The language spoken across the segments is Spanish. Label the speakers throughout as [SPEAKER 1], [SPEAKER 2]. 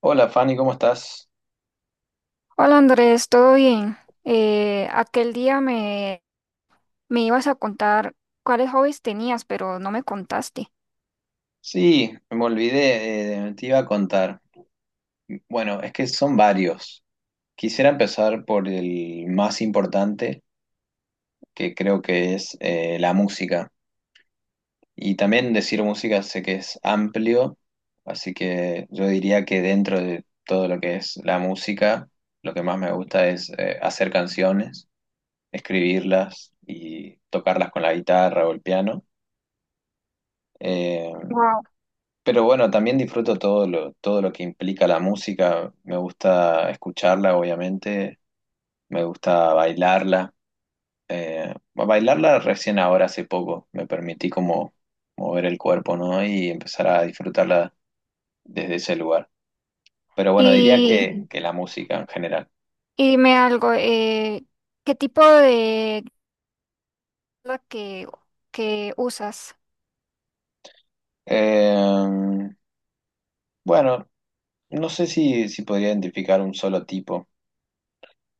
[SPEAKER 1] Hola Fanny, ¿cómo estás?
[SPEAKER 2] Hola Andrés, ¿todo bien? Aquel día me ibas a contar cuáles hobbies tenías, pero no me contaste.
[SPEAKER 1] Sí, me olvidé, te iba a contar. Bueno, es que son varios. Quisiera empezar por el más importante, que creo que es la música. Y también decir música sé que es amplio, así que yo diría que dentro de todo lo que es la música, lo que más me gusta es hacer canciones, escribirlas y tocarlas con la guitarra o el piano. Eh,
[SPEAKER 2] Wow.
[SPEAKER 1] Pero bueno, también disfruto todo lo que implica la música. Me gusta escucharla, obviamente. Me gusta bailarla. Bueno, bailarla recién ahora, hace poco. Me permití como mover el cuerpo, ¿no? Y empezar a disfrutarla desde ese lugar. Pero bueno, diría
[SPEAKER 2] Y,
[SPEAKER 1] que la música en general.
[SPEAKER 2] y dime algo, ¿qué tipo de la que, que usas?
[SPEAKER 1] Eh, bueno, no sé si podría identificar un solo tipo.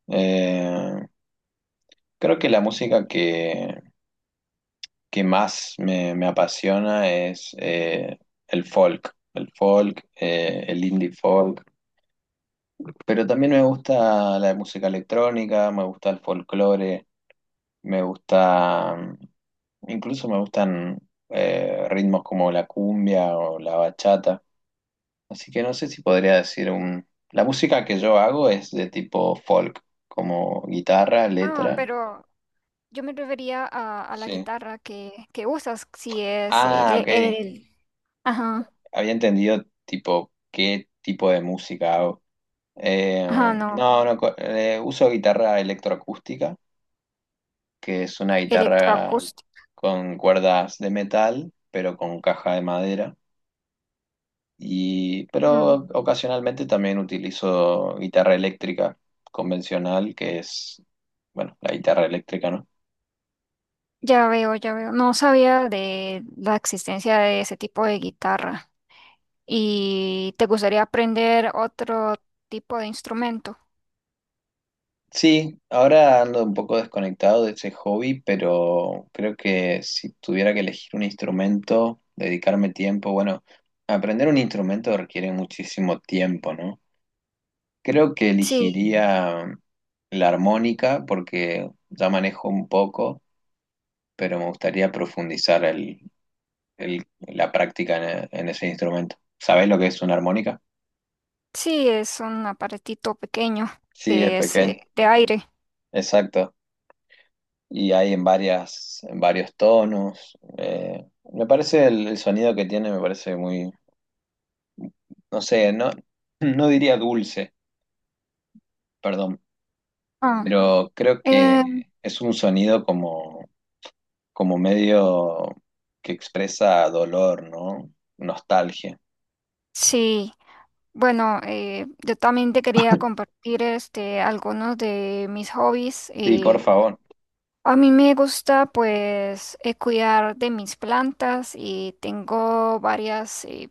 [SPEAKER 1] Eh, Creo que la música que más me apasiona es el folk, el indie folk, pero también me gusta la música electrónica, me gusta el folclore, me gusta, incluso me gustan ritmos como la cumbia o la bachata, así que no sé si podría decir un... La música que yo hago es de tipo folk, como guitarra,
[SPEAKER 2] Ah,
[SPEAKER 1] letra.
[SPEAKER 2] pero yo me refería a la
[SPEAKER 1] Sí.
[SPEAKER 2] guitarra que usas, si es
[SPEAKER 1] Ah,
[SPEAKER 2] el,
[SPEAKER 1] ok.
[SPEAKER 2] el- ajá,
[SPEAKER 1] Había entendido tipo qué tipo de música hago.
[SPEAKER 2] ajá, no,
[SPEAKER 1] No, no, co- uso guitarra electroacústica, que es una guitarra
[SPEAKER 2] electroacústica.
[SPEAKER 1] con cuerdas de metal, pero con caja de madera. Y,
[SPEAKER 2] Mm,
[SPEAKER 1] pero ocasionalmente también utilizo guitarra eléctrica convencional, que es, bueno, la guitarra eléctrica, ¿no?
[SPEAKER 2] ya veo, ya veo. No sabía de la existencia de ese tipo de guitarra. ¿Y te gustaría aprender otro tipo de instrumento?
[SPEAKER 1] Sí, ahora ando un poco desconectado de ese hobby, pero creo que si tuviera que elegir un instrumento, dedicarme tiempo, bueno, aprender un instrumento requiere muchísimo tiempo, ¿no? Creo que
[SPEAKER 2] Sí,
[SPEAKER 1] elegiría la armónica porque ya manejo un poco, pero me gustaría profundizar la práctica en ese instrumento. ¿Sabés lo que es una armónica?
[SPEAKER 2] sí, es un aparatito pequeño
[SPEAKER 1] Sí, es
[SPEAKER 2] que es
[SPEAKER 1] pequeño.
[SPEAKER 2] de aire.
[SPEAKER 1] Exacto. Y hay en varias, en varios tonos. Me parece el sonido que tiene, me parece muy, no sé, no, no diría dulce, perdón,
[SPEAKER 2] Ah,
[SPEAKER 1] pero creo
[SPEAKER 2] eh,
[SPEAKER 1] que es un sonido como, como medio que expresa dolor, ¿no? Nostalgia.
[SPEAKER 2] sí, bueno, yo también te quería compartir este, algunos de mis hobbies.
[SPEAKER 1] Sí, por favor.
[SPEAKER 2] A mí me gusta pues cuidar de mis plantas y tengo varias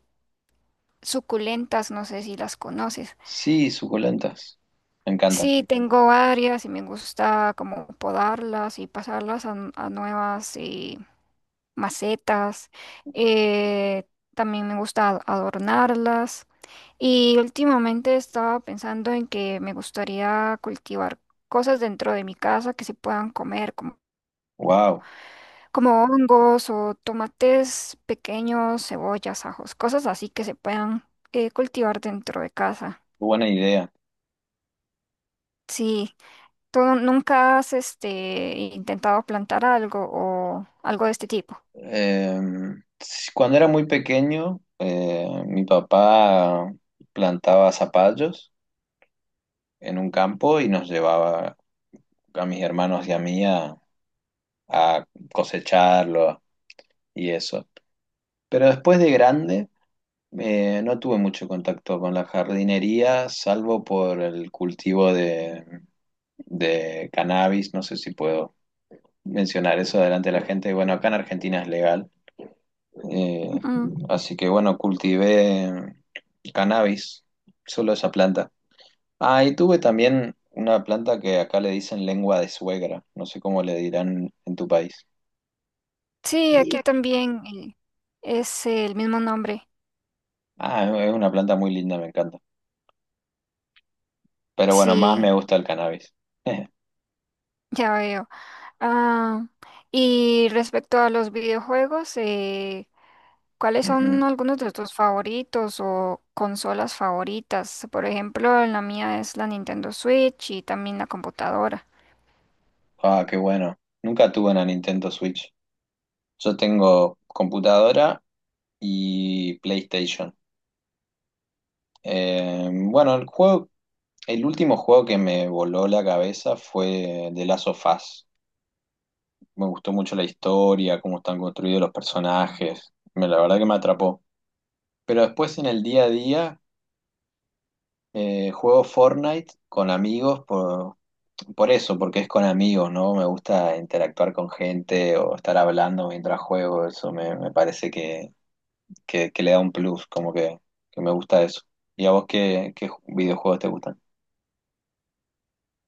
[SPEAKER 2] suculentas, no sé si las conoces.
[SPEAKER 1] Sí, suculentas. Me encantan.
[SPEAKER 2] Sí, tengo varias y me gusta como podarlas y pasarlas a, a nuevas macetas. Eh, También me gusta adornarlas. Y últimamente estaba pensando en que me gustaría cultivar cosas dentro de mi casa que se puedan comer, como,
[SPEAKER 1] Wow,
[SPEAKER 2] como hongos o tomates pequeños, cebollas, ajos, cosas así que se puedan cultivar dentro de casa.
[SPEAKER 1] buena idea.
[SPEAKER 2] Sí. ¿Tú nunca has este, intentado plantar algo o algo de este tipo?
[SPEAKER 1] Eh, Cuando era muy pequeño, mi papá plantaba zapallos en un campo y nos llevaba a mis hermanos y a mí a cosecharlo y eso. Pero después de grande, no tuve mucho contacto con la jardinería, salvo por el cultivo de cannabis. No sé si puedo mencionar eso delante de la gente. Bueno, acá en Argentina es legal. Eh,
[SPEAKER 2] Ujú.
[SPEAKER 1] Así que bueno, cultivé cannabis, solo esa planta. Ah, y tuve también una planta que acá le dicen lengua de suegra, no sé cómo le dirán en tu país.
[SPEAKER 2] Sí, aquí también es el mismo nombre.
[SPEAKER 1] Ah, es una planta muy linda, me encanta. Pero bueno, más
[SPEAKER 2] Sí,
[SPEAKER 1] me gusta el cannabis.
[SPEAKER 2] ya veo. Ah, y respecto a los videojuegos, ¿cuáles
[SPEAKER 1] Ujú.
[SPEAKER 2] son algunos de tus favoritos o consolas favoritas? Por ejemplo, la mía es la Nintendo Switch y también la computadora.
[SPEAKER 1] Ah, qué bueno. Nunca tuve una Nintendo Switch. Yo tengo computadora y PlayStation. Eh, bueno, el juego, el último juego que me voló la cabeza fue The Last of Us. Me gustó mucho la historia, cómo están construidos los personajes. Me- La verdad que me atrapó. Pero después en el día a día juego Fortnite con amigos por eso, porque es con amigos, ¿no? Me gusta interactuar con gente o estar hablando mientras juego. Eso me parece que le da un plus, que me gusta eso. ¿Y a vos qué videojuegos te gustan?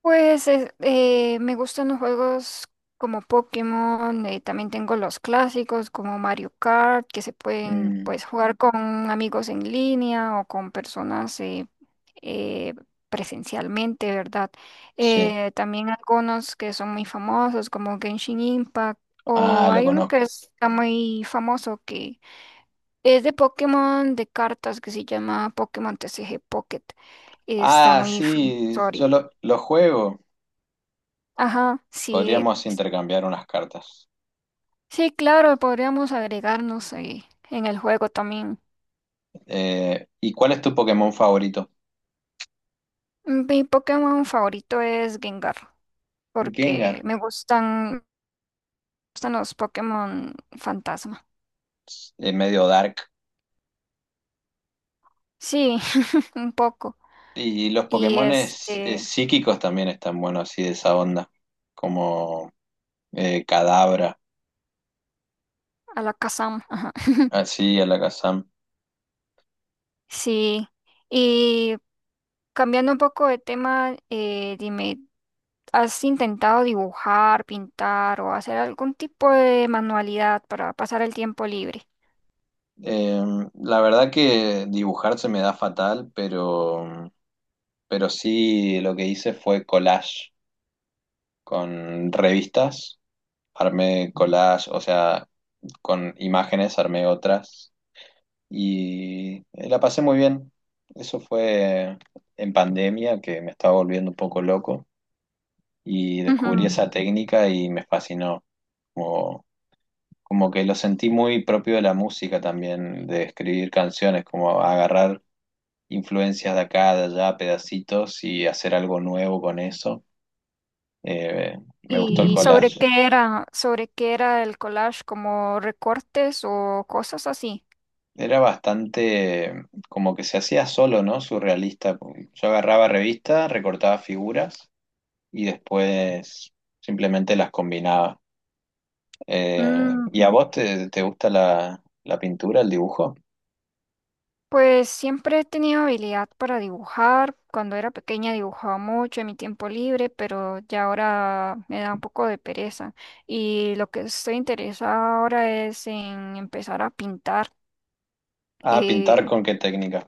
[SPEAKER 2] Me gustan los juegos como Pokémon, también tengo los clásicos como Mario Kart, que se pueden
[SPEAKER 1] Mm,
[SPEAKER 2] pues jugar con amigos en línea o con personas eh, presencialmente, ¿verdad?
[SPEAKER 1] sí.
[SPEAKER 2] También algunos que son muy famosos como Genshin Impact o
[SPEAKER 1] Ah, lo
[SPEAKER 2] hay uno que
[SPEAKER 1] conozco.
[SPEAKER 2] está muy famoso que es de Pokémon de cartas que se llama Pokémon TCG Pocket. Está
[SPEAKER 1] Ah,
[SPEAKER 2] muy famoso
[SPEAKER 1] sí,
[SPEAKER 2] ahorita.
[SPEAKER 1] lo juego.
[SPEAKER 2] Ajá, sí,
[SPEAKER 1] Podríamos intercambiar unas cartas.
[SPEAKER 2] sí, claro, podríamos agregarnos en el juego también.
[SPEAKER 1] ¿Y cuál es tu Pokémon favorito?
[SPEAKER 2] Mm, mi Pokémon favorito es Gengar, porque
[SPEAKER 1] Gengar,
[SPEAKER 2] me gustan los Pokémon fantasma.
[SPEAKER 1] medio dark.
[SPEAKER 2] Sí, un poco.
[SPEAKER 1] Y los
[SPEAKER 2] Y
[SPEAKER 1] Pokémones
[SPEAKER 2] este,
[SPEAKER 1] psíquicos también están buenos, así de esa onda, como Cadabra,
[SPEAKER 2] Alakazam. Ah,
[SPEAKER 1] así Alakazam.
[SPEAKER 2] sí. Y cambiando un poco de tema, dime, ¿has intentado dibujar, pintar o hacer algún tipo de manualidad para pasar el tiempo libre?
[SPEAKER 1] Eh, la verdad que dibujar se me da fatal, pero sí lo que hice fue collage con revistas, armé collage, o sea, con imágenes armé otras y la pasé muy bien. Eso fue en pandemia que me estaba volviendo un poco loco y descubrí esa técnica y me fascinó. Como, como que lo sentí muy propio de la música también, de escribir canciones, como agarrar influencias de acá, de allá, pedacitos y hacer algo nuevo con eso. Eh, Me gustó el
[SPEAKER 2] ¿Y sobre
[SPEAKER 1] collage.
[SPEAKER 2] sobre qué era el collage, como recortes o cosas así?
[SPEAKER 1] Era bastante como que se hacía solo, ¿no? Surrealista, porque yo agarraba revistas, recortaba figuras y después simplemente las combinaba. ¿Y a
[SPEAKER 2] Ujú.
[SPEAKER 1] vos te gusta la pintura, el dibujo?
[SPEAKER 2] Pues siempre he tenido habilidad para dibujar. Cuando era pequeña dibujaba mucho en mi tiempo libre, pero ya ahora me da un poco de pereza. Y lo que estoy interesada ahora es en empezar a pintar.
[SPEAKER 1] Ah, pintar
[SPEAKER 2] Eh,
[SPEAKER 1] con qué técnica.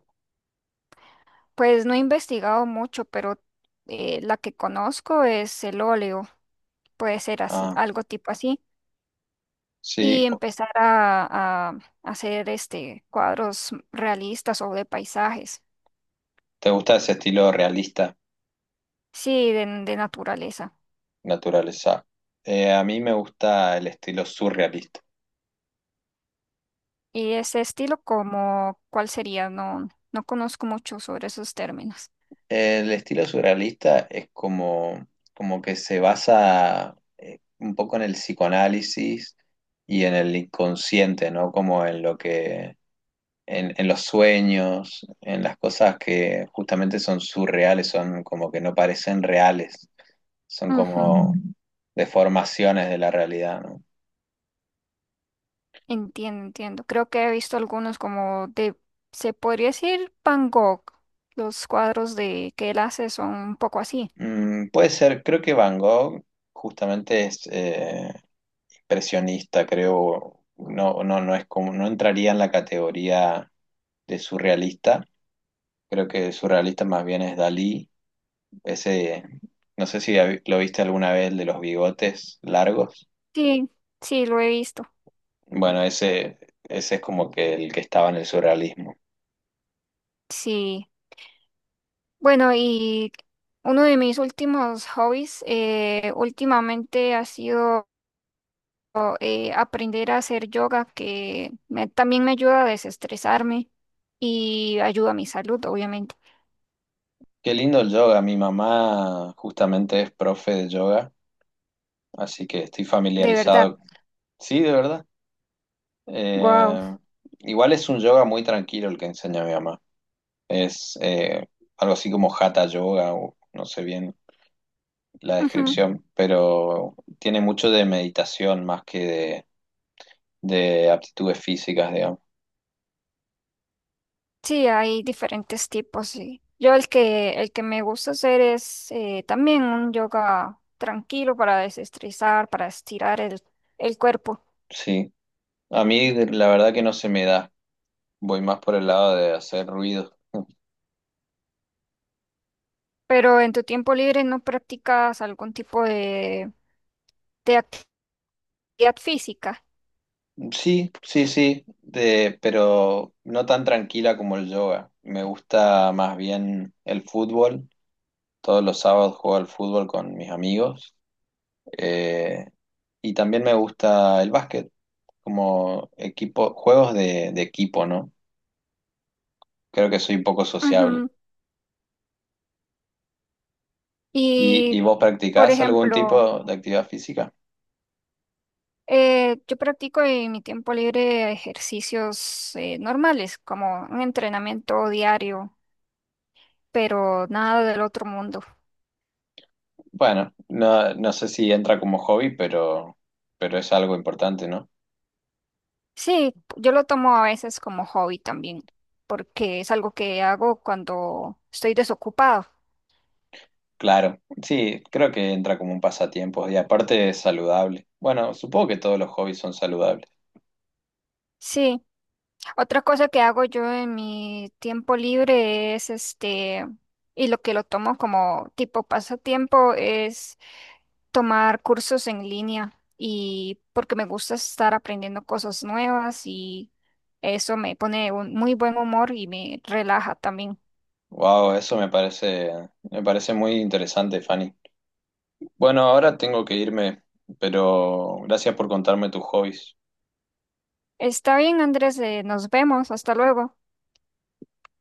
[SPEAKER 2] pues no he investigado mucho, pero la que conozco es el óleo. Puede ser así,
[SPEAKER 1] Ah,
[SPEAKER 2] algo tipo así.
[SPEAKER 1] sí.
[SPEAKER 2] Y empezar a hacer este cuadros realistas o de paisajes,
[SPEAKER 1] ¿Te gusta ese estilo realista,
[SPEAKER 2] sí, de naturaleza.
[SPEAKER 1] naturaleza? A mí me gusta el estilo surrealista.
[SPEAKER 2] Y ese estilo como, ¿cuál sería? No, no conozco mucho sobre esos términos.
[SPEAKER 1] El estilo surrealista es como, como que se basa un poco en el psicoanálisis y en el inconsciente, ¿no? Como en lo que, en los sueños, en las cosas que justamente son surreales, son como que no parecen reales, son
[SPEAKER 2] Ujú,
[SPEAKER 1] como mm, deformaciones de la realidad, ¿no?
[SPEAKER 2] entiendo, entiendo. Creo que he visto algunos como de, se podría decir Van Gogh. Los cuadros de que él hace son un poco así.
[SPEAKER 1] Mm, puede ser, creo que Van Gogh justamente es, expresionista, creo, no, no, no es como, no entraría en la categoría de surrealista. Creo que surrealista más bien es Dalí. Ese, no sé si hab- lo viste alguna vez, el de los bigotes largos.
[SPEAKER 2] Sí, sí, lo he visto.
[SPEAKER 1] Bueno, ese es como que el que estaba en el surrealismo.
[SPEAKER 2] Sí. Bueno, y uno de mis últimos hobbies últimamente ha sido aprender a hacer yoga, que también me ayuda a desestresarme y ayuda a mi salud, obviamente.
[SPEAKER 1] Qué lindo el yoga. Mi mamá justamente es profe de yoga, así que estoy
[SPEAKER 2] ¿De verdad?
[SPEAKER 1] familiarizado. Sí, de verdad.
[SPEAKER 2] Wow.
[SPEAKER 1] Eh, Igual es un yoga muy tranquilo el que enseña mi mamá. Es algo así como Hatha Yoga, o no sé bien la descripción, pero tiene mucho de meditación más que de aptitudes físicas, digamos.
[SPEAKER 2] Sí, hay diferentes tipos. Sí. Yo el que me gusta hacer es también un yoga tranquilo para desestresar, para estirar el cuerpo.
[SPEAKER 1] Sí, a mí de- la verdad que no se me da. Voy más por el lado de hacer ruido.
[SPEAKER 2] Pero en tu tiempo libre no practicas algún tipo de actividad física.
[SPEAKER 1] Sí, sí, sí, de, pero no tan tranquila como el yoga. Me gusta más bien el fútbol. Todos los sábados juego al fútbol con mis amigos. Eh, y también me gusta el básquet. Como equipo, juegos de equipo, ¿no? Creo que soy un poco sociable.
[SPEAKER 2] Ujú.
[SPEAKER 1] Y
[SPEAKER 2] Y,
[SPEAKER 1] vos
[SPEAKER 2] por
[SPEAKER 1] practicás algún
[SPEAKER 2] ejemplo,
[SPEAKER 1] tipo de actividad física?
[SPEAKER 2] yo practico en mi tiempo libre ejercicios normales, como un entrenamiento diario, pero nada del otro mundo.
[SPEAKER 1] Bueno, no, no sé si entra como hobby, pero es algo importante, ¿no?
[SPEAKER 2] Sí, yo lo tomo a veces como hobby también, porque es algo que hago cuando estoy desocupado.
[SPEAKER 1] Claro, sí, creo que entra como un pasatiempo y aparte es saludable. Bueno, supongo que todos los hobbies son saludables.
[SPEAKER 2] Sí, otra cosa que hago yo en mi tiempo libre es este, y lo que lo tomo como tipo pasatiempo es tomar cursos en línea y porque me gusta estar aprendiendo cosas nuevas y eso me pone un muy buen humor y me relaja también.
[SPEAKER 1] Wow, eso me parece muy interesante, Fanny. Bueno, ahora tengo que irme, pero gracias por contarme tus hobbies.
[SPEAKER 2] Está bien, Andrés, nos vemos, hasta luego.